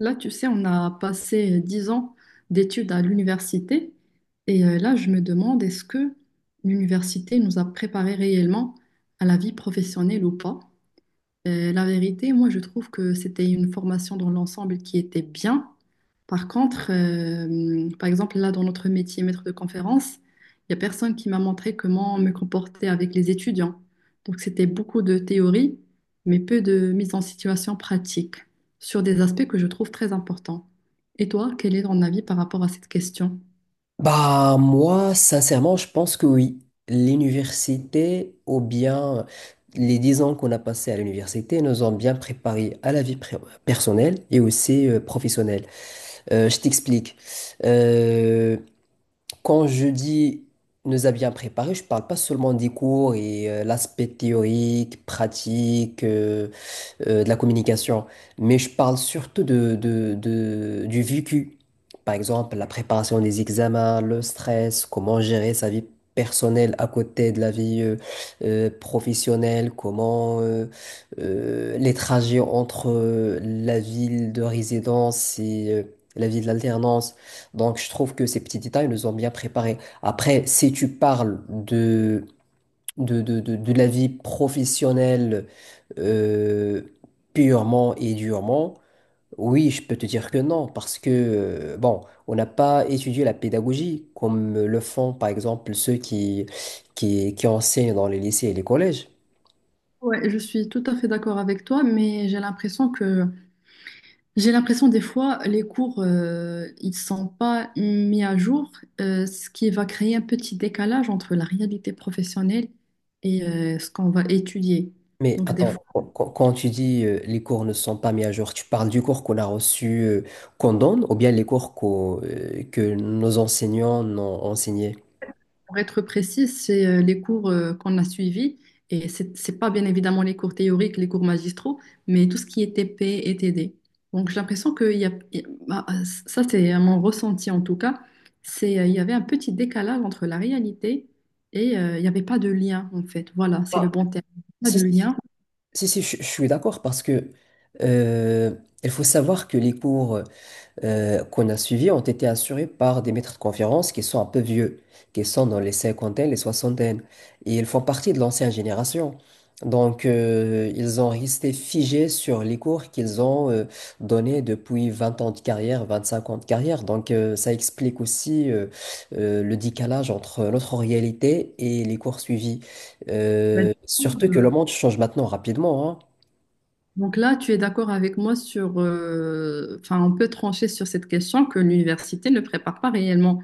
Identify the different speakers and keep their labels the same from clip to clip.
Speaker 1: Là, tu sais, on a passé 10 ans d'études à l'université et là, je me demande, est-ce que l'université nous a préparés réellement à la vie professionnelle ou pas? La vérité, moi, je trouve que c'était une formation dans l'ensemble qui était bien. Par contre, par exemple, là, dans notre métier maître de conférence, il n'y a personne qui m'a montré comment me comporter avec les étudiants. Donc, c'était beaucoup de théorie, mais peu de mise en situation pratique sur des aspects que je trouve très importants. Et toi, quel est ton avis par rapport à cette question?
Speaker 2: Bah, moi, sincèrement, je pense que oui. L'université, ou bien les dix ans qu'on a passés à l'université, nous ont bien préparés à la vie pré- personnelle et aussi professionnelle. Je t'explique. Euh, quand je dis nous a bien préparés, je parle pas seulement des cours et l'aspect théorique, pratique. De la communication, mais je parle surtout du vécu. Par exemple, la préparation des examens, le stress, comment gérer sa vie personnelle à côté de la vie professionnelle, comment les trajets entre la ville de résidence et la ville d'alternance. Donc, je trouve que ces petits détails nous ont bien préparés. Après, si tu parles de la vie professionnelle euh, purement et durement, oui, je peux te dire que non, parce que, bon, on n'a pas étudié la pédagogie comme le font, par exemple, ceux qui enseignent dans les lycées et les collèges.
Speaker 1: Ouais, je suis tout à fait d'accord avec toi, mais j'ai l'impression des fois, les cours, ils sont pas mis à jour, ce qui va créer un petit décalage entre la réalité professionnelle et ce qu'on va étudier.
Speaker 2: Mais
Speaker 1: Donc des
Speaker 2: attends, quand tu dis les cours ne sont pas mis à jour, tu parles du cours qu'on a reçu, qu'on donne, ou bien les cours que nos enseignants ont enseigné?
Speaker 1: Pour être précise, c'est les cours qu'on a suivis. Et c'est pas bien évidemment les cours théoriques, les cours magistraux, mais tout ce qui est TP et TD. Donc j'ai l'impression que il y a, il Bah, ça, c'est mon ressenti en tout cas. C'est, il y avait un petit décalage entre la réalité et il n'y avait pas de lien en fait. Voilà, c'est le
Speaker 2: Bah,
Speaker 1: bon terme. Pas
Speaker 2: Si,
Speaker 1: de
Speaker 2: si,
Speaker 1: lien.
Speaker 2: Si, si, je suis d'accord parce que euh, il faut savoir que les cours qu'on a suivis ont été assurés par des maîtres de conférences qui sont un peu vieux, qui sont dans les cinquantaines, les soixantaines. Et ils font partie de l'ancienne génération. Donc, ils ont resté figés sur les cours qu'ils ont donnés depuis 20 ans de carrière, 25 ans de carrière. Donc, ça explique aussi le décalage entre notre réalité et les cours suivis.
Speaker 1: Bah,
Speaker 2: Surtout que le
Speaker 1: Euh,
Speaker 2: monde change maintenant rapidement, hein.
Speaker 1: Donc là, tu es d'accord avec moi sur, enfin, on peut trancher sur cette question que l'université ne prépare pas réellement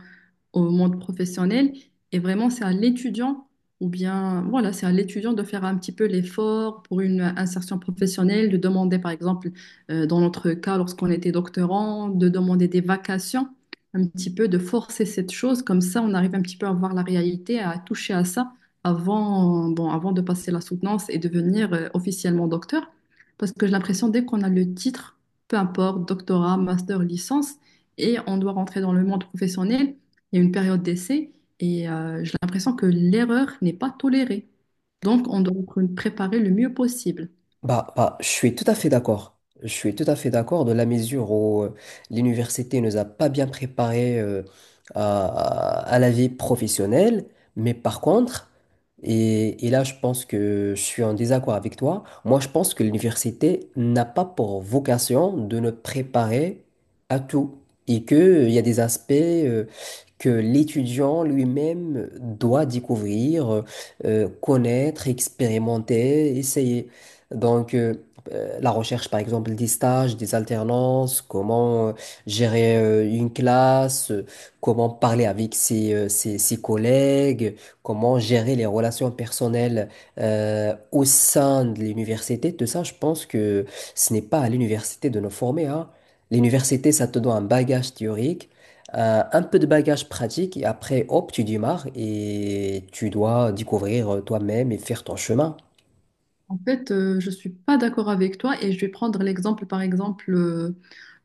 Speaker 1: au monde professionnel. Et vraiment, c'est à l'étudiant, ou bien, voilà, c'est à l'étudiant de faire un petit peu l'effort pour une insertion professionnelle, de demander, par exemple, dans notre cas, lorsqu'on était doctorant, de demander des vacations, un petit peu de forcer cette chose. Comme ça, on arrive un petit peu à voir la réalité, à toucher à ça avant, bon, avant de passer la soutenance et devenir officiellement docteur. Parce que j'ai l'impression, dès qu'on a le titre, peu importe, doctorat, master, licence, et on doit rentrer dans le monde professionnel, il y a une période d'essai et j'ai l'impression que l'erreur n'est pas tolérée. Donc, on doit préparer le mieux possible.
Speaker 2: Bah, bah, je suis tout à fait d'accord. Je suis tout à fait d'accord de la mesure où l'université nous a pas bien préparés à, à la vie professionnelle. Mais par contre, et là, je pense que je suis en désaccord avec toi. Moi, je pense que l'université n'a pas pour vocation de nous préparer à tout et que, il y a des aspects que l'étudiant lui-même doit découvrir, connaître, expérimenter, essayer. Donc, la recherche, par exemple, des stages, des alternances, comment gérer une classe, comment parler avec ses collègues, comment gérer les relations personnelles au sein de l'université, tout ça, je pense que ce n'est pas à l'université de nous former, hein. L'université, ça te donne un bagage théorique, un peu de bagage pratique, et après, hop, tu démarres et tu dois découvrir toi-même et faire ton chemin.
Speaker 1: En fait, je ne suis pas d'accord avec toi et je vais prendre l'exemple, par exemple, euh,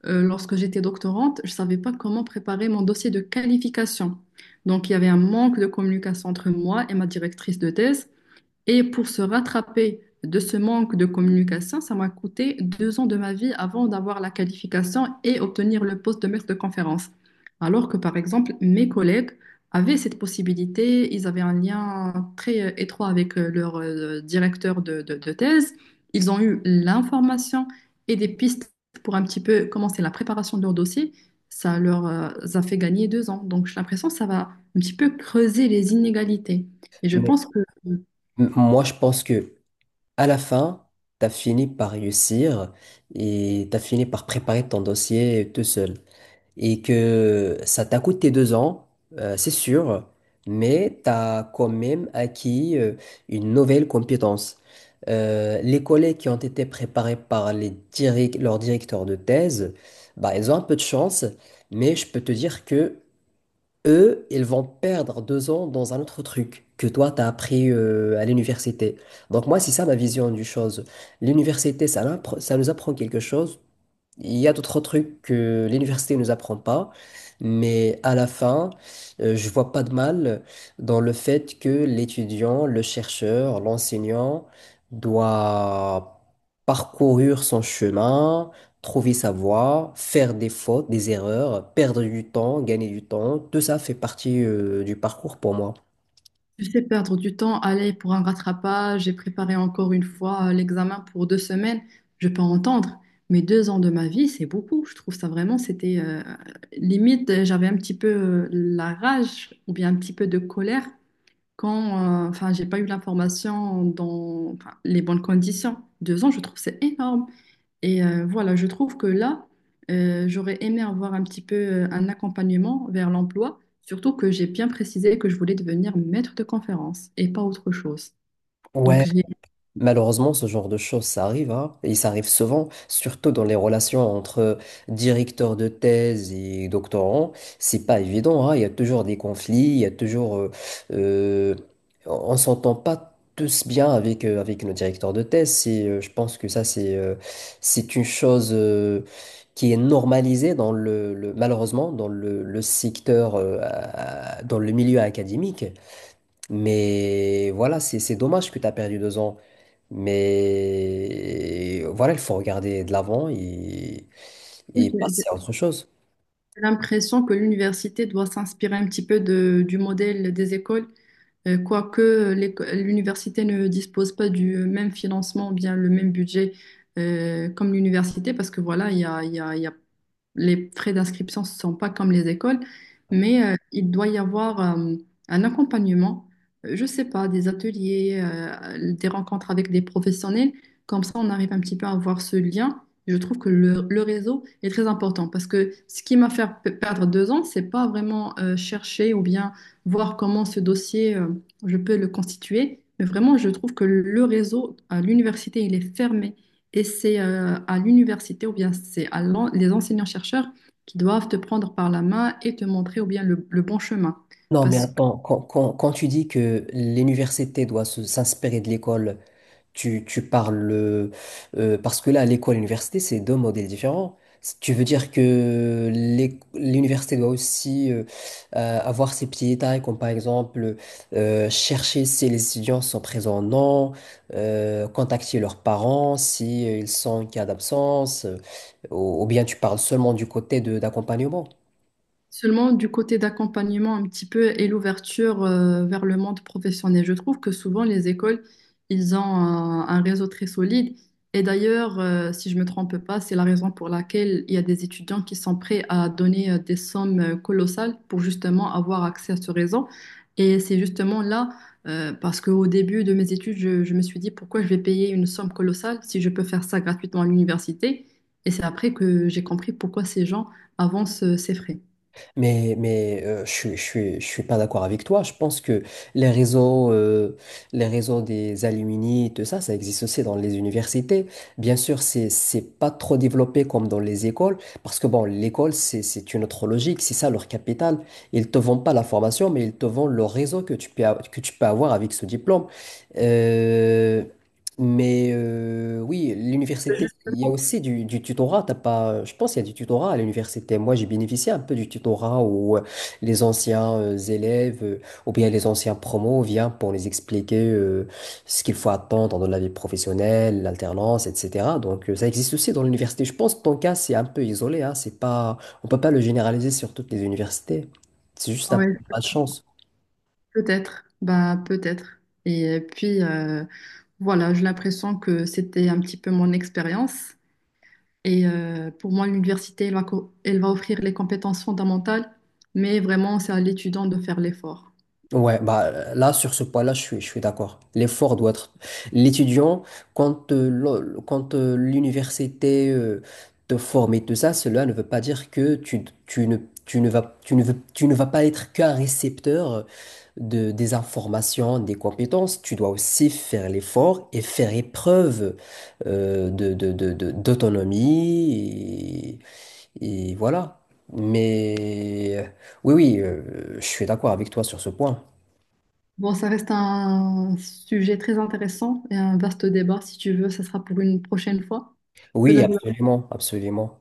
Speaker 1: euh, lorsque j'étais doctorante, je ne savais pas comment préparer mon dossier de qualification. Donc, il y avait un manque de communication entre moi et ma directrice de thèse. Et pour se rattraper de ce manque de communication, ça m'a coûté 2 ans de ma vie avant d'avoir la qualification et obtenir le poste de maître de conférence. Alors que, par exemple, mes collègues avaient cette possibilité, ils avaient un lien très étroit avec leur directeur de thèse, ils ont eu l'information et des pistes pour un petit peu commencer la préparation de leur dossier. Ça leur a fait gagner 2 ans. Donc, j'ai l'impression que ça va un petit peu creuser les inégalités. Et je pense que
Speaker 2: Moi, je pense que à la fin, tu as fini par réussir et tu as fini par préparer ton dossier tout seul. Et que ça t'a coûté deux ans, c'est sûr, mais tu as quand même acquis une nouvelle compétence. Les collègues qui ont été préparés par les leurs directeurs de thèse, bah, ils ont un peu de chance, mais je peux te dire que eux, ils vont perdre deux ans dans un autre truc que toi, t'as appris à l'université. Donc moi, c'est ça ma vision du chose. L'université, ça, ça nous apprend quelque chose il y a d'autres trucs que l'université ne nous apprend pas, mais à la fin, je vois pas de mal dans le fait que l'étudiant, le chercheur, l'enseignant doit parcourir son chemin, trouver sa voie, faire des fautes, des erreurs, perdre du temps, gagner du temps. Tout ça fait partie, du parcours pour moi.
Speaker 1: Tu sais, perdre du temps, aller pour un rattrapage, j'ai préparé encore une fois l'examen pour 2 semaines, je peux entendre, mais 2 ans de ma vie, c'est beaucoup. Je trouve ça vraiment, c'était limite, j'avais un petit peu la rage ou bien un petit peu de colère quand, enfin, j'ai pas eu l'information dans enfin, les bonnes conditions. 2 ans, je trouve c'est énorme. Et voilà, je trouve que là, j'aurais aimé avoir un petit peu un accompagnement vers l'emploi, surtout que j'ai bien précisé que je voulais devenir maître de conférence et pas autre chose. Donc,
Speaker 2: Ouais. Malheureusement, ce genre de choses, ça arrive, hein, et ça arrive souvent, surtout dans les relations entre directeurs de thèse et doctorants. C'est pas évident, hein. Il y a toujours des conflits, il y a toujours, euh, on s'entend pas tous bien avec avec nos directeurs de thèse. C'est, je pense que ça, c'est une chose qui est normalisée dans malheureusement dans le secteur, dans le milieu académique. Mais voilà, c'est dommage que tu as perdu deux ans. Mais voilà, il faut regarder de l'avant et
Speaker 1: j'ai-
Speaker 2: passer à autre chose.
Speaker 1: j'ai l'impression que l'université doit s'inspirer un petit peu du modèle des écoles. Quoique l'université ne dispose pas du même financement, ou bien le même budget comme l'université, parce que voilà, il y a, il y a- il y a- les frais d'inscription ne sont pas comme les écoles, mais il doit y avoir un accompagnement, je ne sais pas, des ateliers, des rencontres avec des professionnels, comme ça on arrive un petit peu à avoir ce lien. Je trouve que le réseau est très important parce que ce qui m'a fait perdre 2 ans, c'est pas vraiment chercher ou bien voir comment ce dossier je peux le constituer. Mais vraiment, je trouve que le réseau à l'université, il est fermé. Et c'est à l'université ou bien c'est à les enseignants-chercheurs qui doivent te prendre par la main et te montrer ou bien le bon chemin.
Speaker 2: Non, mais
Speaker 1: Parce
Speaker 2: attends, quand tu dis que l'université doit s'inspirer de l'école. Tu parles parce que là, à l'école, à l'université, c'est deux modèles différents. Si tu veux dire que l'université doit aussi avoir ses petits détails, comme par exemple chercher si les étudiants sont présents ou non, contacter leurs parents si ils sont en cas d'absence, ou bien tu parles seulement du côté de d'accompagnement.
Speaker 1: Seulement du côté d'accompagnement un petit peu et l'ouverture vers le monde professionnel. Je trouve que souvent les écoles, ils ont un réseau très solide. Et d'ailleurs, si je me trompe pas, c'est la raison pour laquelle il y a des étudiants qui sont prêts à donner des sommes colossales pour justement avoir accès à ce réseau. Et c'est justement là, parce qu'au début de mes études, je me suis dit pourquoi je vais payer une somme colossale si je peux faire ça gratuitement à l'université. Et c'est après que j'ai compris pourquoi ces gens avancent ces frais.
Speaker 2: Mais je suis pas d'accord avec toi. Je pense que les réseaux, euh, les réseaux des alumni, tout ça, ça existe aussi dans les universités. Bien sûr, c'est pas trop développé comme dans les écoles, parce que bon, l'école, c'est une autre logique, c'est ça leur capital. Ils te vendent pas la formation, mais ils te vendent le réseau que que tu peux avoir avec ce diplôme. Euh, mais oui, l'université, il y a aussi du tutorat. T'as pas, je pense qu'il y a du tutorat à l'université. Moi, j'ai bénéficié un peu du tutorat où les anciens élèves ou bien les anciens promos viennent pour les expliquer ce qu'il faut attendre dans la vie professionnelle, l'alternance, etc. Donc, ça existe aussi dans l'université. Je pense que ton cas, c'est un peu isolé, hein. C'est pas, on peut pas le généraliser sur toutes les universités. C'est juste un peu
Speaker 1: Ouais,
Speaker 2: de malchance.
Speaker 1: peut-être, bah peut-être. Et puis voilà, j'ai l'impression que c'était un petit peu mon expérience. Et pour moi, l'université, elle va offrir les compétences fondamentales, mais vraiment, c'est à l'étudiant de faire l'effort.
Speaker 2: Ouais, bah là sur ce point-là, je suis d'accord. L'effort doit être l'étudiant quand l'université te forme et tout ça, cela ne veut pas dire que tu, tu ne vas tu ne veux- tu ne vas pas être qu'un récepteur de des informations, des compétences. Tu dois aussi faire l'effort et faire épreuve d'autonomie et voilà. Mais oui, je suis d'accord avec toi sur ce point.
Speaker 1: Bon, ça reste un sujet très intéressant et un vaste débat. Si tu veux, ça sera pour une prochaine fois. Parce que
Speaker 2: Oui,
Speaker 1: là, je
Speaker 2: absolument, absolument.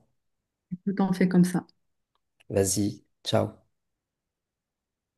Speaker 1: vais tout en fait comme ça.
Speaker 2: Vas-y, ciao.